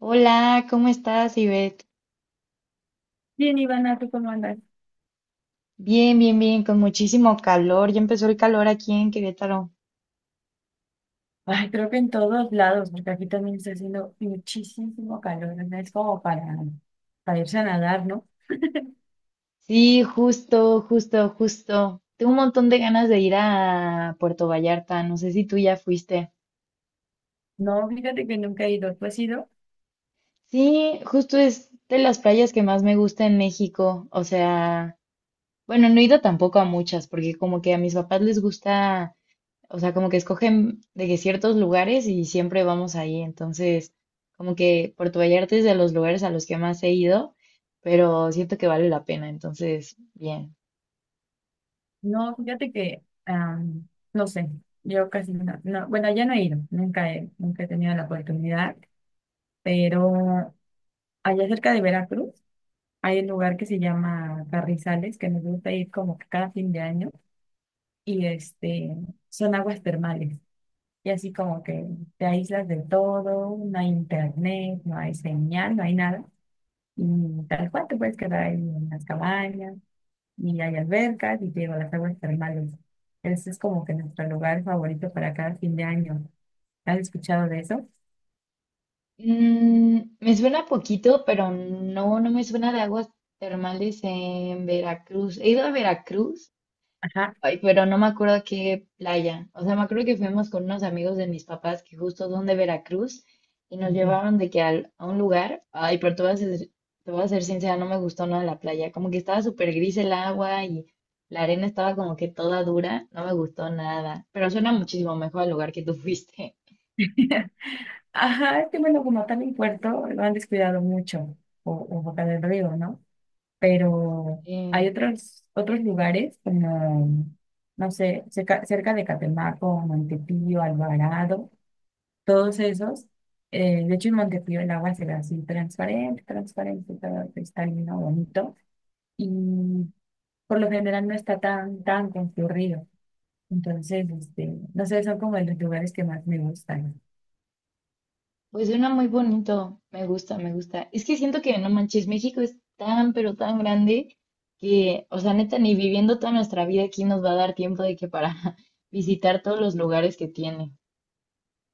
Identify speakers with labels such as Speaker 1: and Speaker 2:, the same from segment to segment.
Speaker 1: Hola, ¿cómo estás, Ivette?
Speaker 2: Bien, Ivana, ¿tú cómo andas?
Speaker 1: Bien, bien, bien, con muchísimo calor. Ya empezó el calor aquí en Querétaro.
Speaker 2: Ay, creo que en todos lados, porque aquí también está haciendo muchísimo calor, ¿no? Es como para irse a nadar, ¿no?
Speaker 1: Sí, justo, justo, justo. Tengo un montón de ganas de ir a Puerto Vallarta. No sé si tú ya fuiste.
Speaker 2: No, fíjate que nunca he ido. ¿Tú has ido?
Speaker 1: Sí, justo es de las playas que más me gusta en México. O sea, bueno, no he ido tampoco a muchas, porque como que a mis papás les gusta o sea, como que escogen de que ciertos lugares y siempre vamos ahí. Entonces, como que Puerto Vallarta es de los lugares a los que más he ido, pero siento que vale la pena. Entonces, bien.
Speaker 2: No, fíjate que, no sé, yo casi bueno, ya no he ido, nunca he tenido la oportunidad, pero allá cerca de Veracruz hay un lugar que se llama Carrizales, que nos gusta ir como que cada fin de año, y este, son aguas termales. Y así como que te aíslas de todo, no hay internet, no hay señal, no hay nada. Y tal cual te puedes quedar ahí en las cabañas, y hay albercas, y te digo, las aguas termales. Ese es como que nuestro lugar favorito para cada fin de año. ¿Has escuchado de eso?
Speaker 1: Me suena poquito, pero no, no me suena de aguas termales en Veracruz. He ido a Veracruz.
Speaker 2: Ajá,
Speaker 1: Ay, pero no me acuerdo qué playa. O sea, me acuerdo que fuimos con unos amigos de mis papás que justo son de Veracruz y nos
Speaker 2: ok.
Speaker 1: llevaron de que al- a un lugar. Ay, pero te voy a ser sincera, no me gustó nada la playa. Como que estaba súper gris el agua y la arena estaba como que toda dura. No me gustó nada. Pero suena muchísimo mejor al lugar que tú fuiste.
Speaker 2: Ajá, es que bueno, como tal en Puerto, lo han descuidado mucho, o Boca del Río, ¿no? Pero hay otros lugares como, no sé, cerca de Catemaco, Montepío, Alvarado, todos esos. Eh, de hecho, en Montepío el agua se ve así transparente, transparente, todo cristalino, bonito, y por lo general no está tan concurrido. Entonces, este, no sé, son como de los lugares que más me gustan.
Speaker 1: Pues suena muy bonito, me gusta, me gusta. Es que siento que, no manches, México es tan, pero tan grande que, o sea, neta, ni viviendo toda nuestra vida aquí nos va a dar tiempo de que para visitar todos los lugares que tiene.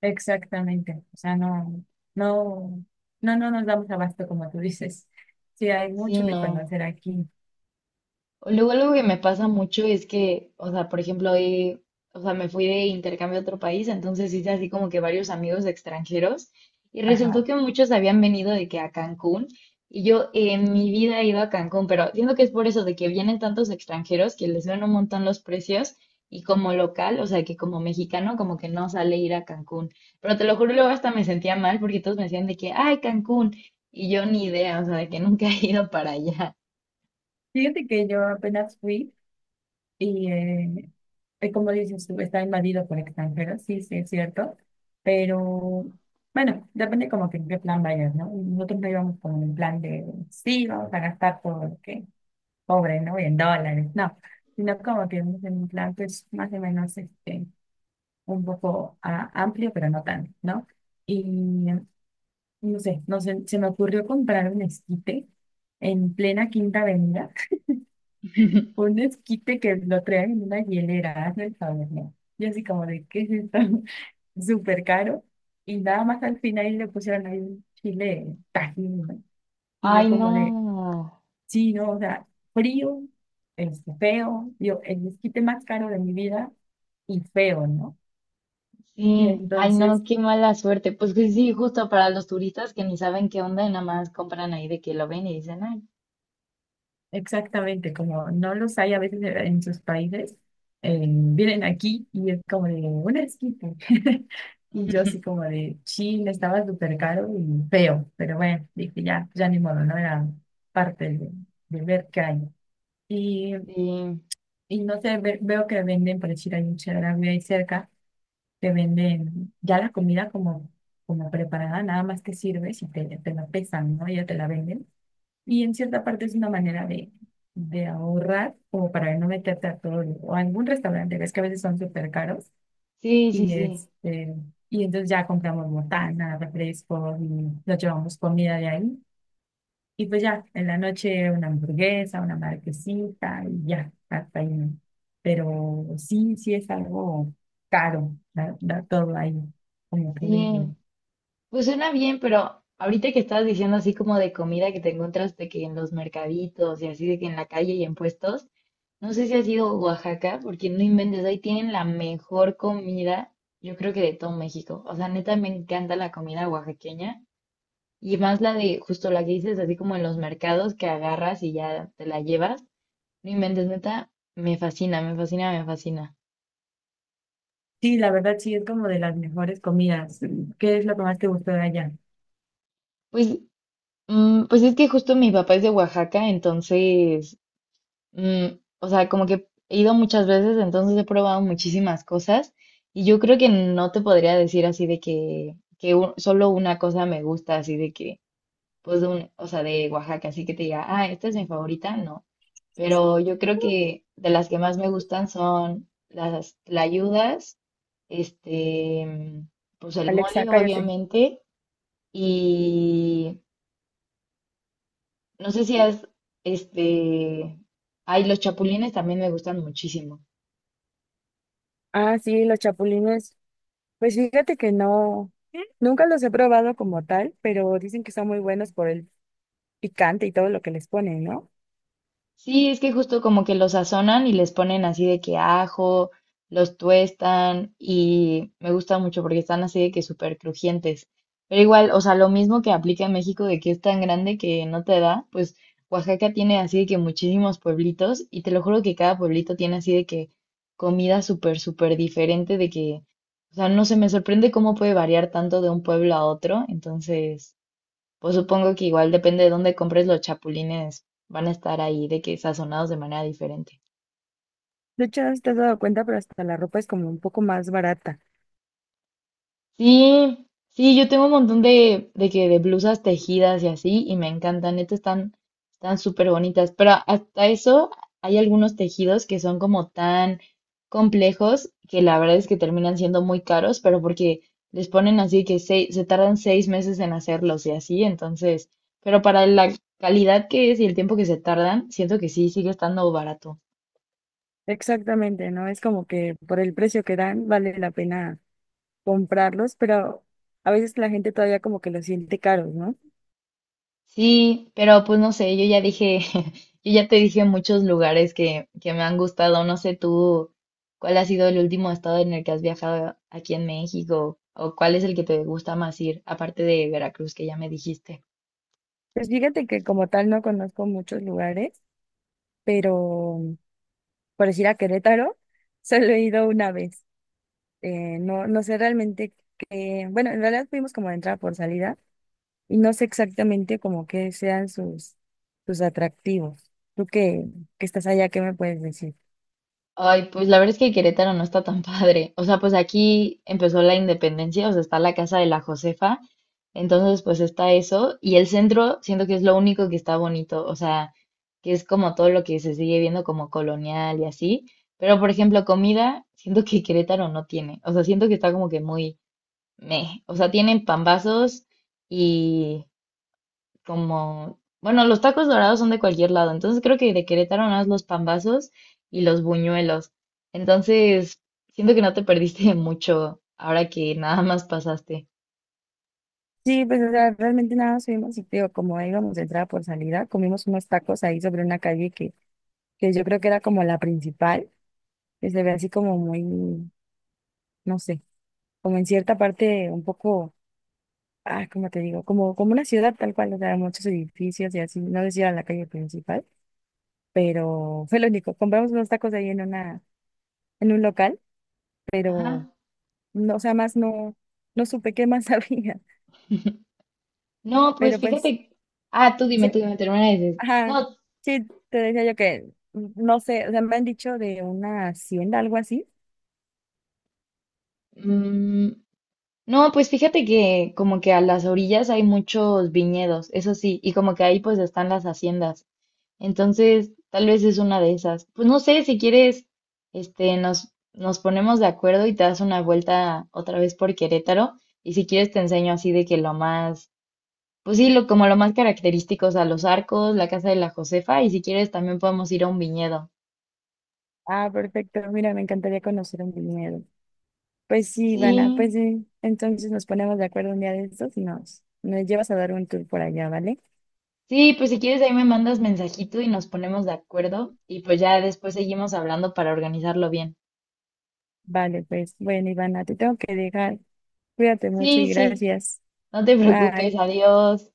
Speaker 2: Exactamente. O sea, no, no, no, no nos damos abasto como tú dices. Sí, hay
Speaker 1: Sí,
Speaker 2: mucho que
Speaker 1: no.
Speaker 2: conocer aquí.
Speaker 1: O luego algo que me pasa mucho es que, o sea, por ejemplo, hoy, o sea, me fui de intercambio a otro país, entonces hice así como que varios amigos extranjeros y resultó
Speaker 2: Ajá.
Speaker 1: que muchos habían venido de que a Cancún y yo en mi vida he ido a Cancún, pero siento que es por eso de que vienen tantos extranjeros que les ven un montón los precios y como local, o sea, que como mexicano como que no sale ir a Cancún. Pero te lo juro, luego hasta me sentía mal porque todos me decían de que, ay, Cancún, y yo ni idea, o sea, de que nunca he ido para allá.
Speaker 2: Fíjate que yo apenas fui y, como dices tú, está invadido por extranjeros, sí, sí, es cierto, pero bueno, depende como que en qué plan vayas, ¿no? Nosotros no íbamos como en plan de, sí, vamos a gastar porque, pobre, ¿no? En dólares, no, sino como que íbamos en un plan, pues, más o menos, este, un poco amplio, pero no tanto, ¿no? Y, no sé, se me ocurrió comprar un esquite en plena Quinta Avenida. Un esquite que lo traen en una hielera, hazme el favor, ¿no? Y así como de, ¿qué es esto? Súper caro. Y nada más al final le pusieron ahí un chile tajín, ¿no? Y yo
Speaker 1: Ay,
Speaker 2: como de,
Speaker 1: no.
Speaker 2: sí, no, o sea, frío, este, feo, yo, el esquite más caro de mi vida y feo, ¿no? Y
Speaker 1: Sí, ay, no,
Speaker 2: entonces
Speaker 1: qué mala suerte. Pues que sí, justo para los turistas que ni saben qué onda y nada más compran ahí de que lo ven y dicen, ay,
Speaker 2: exactamente, como no los hay a veces en sus países, vienen aquí y es como de un esquite. Y yo así como de, Chile estaba súper caro y feo, pero bueno, dije ya, ya ni modo, no era parte de ver qué hay. Y,
Speaker 1: sí,
Speaker 2: y no sé, veo que venden, por decir, hay un Chedraui ahí cerca, que venden ya la comida como, como preparada, nada más que sirves y te la pesan, ¿no? Ya te la venden. Y en cierta parte es una manera de ahorrar o para no meterte a o a algún restaurante, ves que a veces son súper caros,
Speaker 1: sí, sí,
Speaker 2: y
Speaker 1: sí,
Speaker 2: este, y entonces ya compramos botana, refrescos y nos llevamos comida de ahí y pues ya en la noche una hamburguesa, una marquesita y ya hasta ahí, ¿no? Pero sí, sí es algo caro, da, da todo ahí, como tú dices.
Speaker 1: sí. Pues suena bien, pero ahorita que estabas diciendo así como de comida que te encuentras de que en los mercaditos y así de que en la calle y en puestos, no sé si has ido a Oaxaca, porque no inventes, ahí tienen la mejor comida, yo creo que de todo México. O sea, neta, me encanta la comida oaxaqueña. Y más la de, justo la que dices, así como en los mercados que agarras y ya te la llevas. No inventes, neta, me fascina, me fascina, me fascina.
Speaker 2: Sí, la verdad sí es como de las mejores comidas. ¿Qué es lo que más te gustó de allá?
Speaker 1: Pues, pues es que justo mi papá es de Oaxaca, entonces, mm, o sea, como que he ido muchas veces, entonces he probado muchísimas cosas. Y yo creo que no te podría decir así de que, que solo una cosa me gusta, así de que, pues, de un, o sea, de Oaxaca, así que te diga, ah, esta es mi favorita, no. Pero yo creo que de las que más me gustan son las tlayudas, este, pues el
Speaker 2: Alexa,
Speaker 1: mole,
Speaker 2: cállate.
Speaker 1: obviamente, y no sé si has, este, ay, los chapulines también me gustan muchísimo.
Speaker 2: Ah, sí, los chapulines. Pues fíjate que no, nunca los he probado como tal, pero dicen que son muy buenos por el picante y todo lo que les ponen, ¿no?
Speaker 1: Sí, es que justo como que los sazonan y les ponen así de que ajo, los tuestan y me gusta mucho porque están así de que súper crujientes. Pero igual, o sea, lo mismo que aplica en México de que es tan grande que no te da, pues Oaxaca tiene así de que muchísimos pueblitos y te lo juro que cada pueblito tiene así de que comida súper, súper diferente de que, o sea, no sé, me sorprende cómo puede variar tanto de un pueblo a otro. Entonces... Pues supongo que igual depende de dónde compres los chapulines, van a estar ahí de que sazonados de manera diferente.
Speaker 2: De hecho, no sé si te has dado cuenta, pero hasta la ropa es como un poco más barata.
Speaker 1: Sí, sí, yo tengo un montón de blusas tejidas y así, y me encantan, neta están súper bonitas, pero hasta eso hay algunos tejidos que son como tan complejos que la verdad es que terminan siendo muy caros, pero porque les ponen así que se tardan 6 meses en hacerlos y así, entonces, pero para la calidad que es y el tiempo que se tardan, siento que sí, sigue estando barato.
Speaker 2: Exactamente, ¿no? Es como que por el precio que dan vale la pena comprarlos, pero a veces la gente todavía como que los siente caros, ¿no?
Speaker 1: Sí, pero pues no sé, yo ya dije, yo ya te dije muchos lugares que me han gustado. No sé tú cuál ha sido el último estado en el que has viajado aquí en México o cuál es el que te gusta más ir, aparte de Veracruz, que ya me dijiste.
Speaker 2: Pues fíjate que como tal no conozco muchos lugares, pero por decir a Querétaro, solo he ido una vez. Eh, no sé realmente qué, bueno, en realidad fuimos como de entrada por salida y no sé exactamente como qué sean sus, sus atractivos. Que estás allá, ¿qué me puedes decir?
Speaker 1: Ay, pues la verdad es que Querétaro no está tan padre. O sea, pues aquí empezó la independencia, o sea, está la casa de la Josefa. Entonces, pues está eso. Y el centro, siento que es lo único que está bonito. O sea, que es como todo lo que se sigue viendo como colonial y así. Pero, por ejemplo, comida, siento que Querétaro no tiene. O sea, siento que está como que muy meh. O sea, tienen pambazos como, bueno, los tacos dorados son de cualquier lado, entonces creo que de Querétaro nada más los pambazos y los buñuelos. Entonces, siento que no te perdiste de mucho ahora que nada más pasaste.
Speaker 2: Sí, pues o sea, realmente nada, más fuimos y te digo, como íbamos de entrada por salida, comimos unos tacos ahí sobre una calle que yo creo que era como la principal, que se ve así como muy, no sé, como en cierta parte un poco, ah, ¿cómo te digo? Como, como una ciudad tal cual, o sea, muchos edificios y así, no decía la calle principal. Pero fue lo único. Compramos unos tacos ahí en una, en un local, pero
Speaker 1: Ajá.
Speaker 2: no, o sea, más no, no supe qué más había.
Speaker 1: No, pues
Speaker 2: Pero pues,
Speaker 1: fíjate. Ah,
Speaker 2: sí,
Speaker 1: tú dime, termina de decir.
Speaker 2: ajá,
Speaker 1: No,
Speaker 2: sí, te decía yo que no sé, o sea, me han dicho de una hacienda, algo así.
Speaker 1: mm, no, pues fíjate que como que a las orillas hay muchos viñedos, eso sí, y como que ahí pues están las haciendas. Entonces, tal vez es una de esas. Pues no sé, si quieres, este, nos ponemos de acuerdo y te das una vuelta otra vez por Querétaro. Y si quieres te enseño así de que lo más, pues sí, lo, como lo más característico, o sea, los arcos, la casa de la Josefa, y si quieres también podemos ir a un viñedo.
Speaker 2: Ah, perfecto, mira, me encantaría conocer un viñedo. Pues sí, Ivana, pues
Speaker 1: Sí,
Speaker 2: sí, entonces nos ponemos de acuerdo un día de estos y nos, nos llevas a dar un tour por allá, ¿vale?
Speaker 1: sí, pues si quieres ahí me mandas mensajito y nos ponemos de acuerdo y pues ya después seguimos hablando para organizarlo bien.
Speaker 2: Vale, pues, bueno, Ivana, te tengo que dejar. Cuídate mucho
Speaker 1: Sí,
Speaker 2: y
Speaker 1: sí,
Speaker 2: gracias.
Speaker 1: no te preocupes,
Speaker 2: Bye.
Speaker 1: adiós.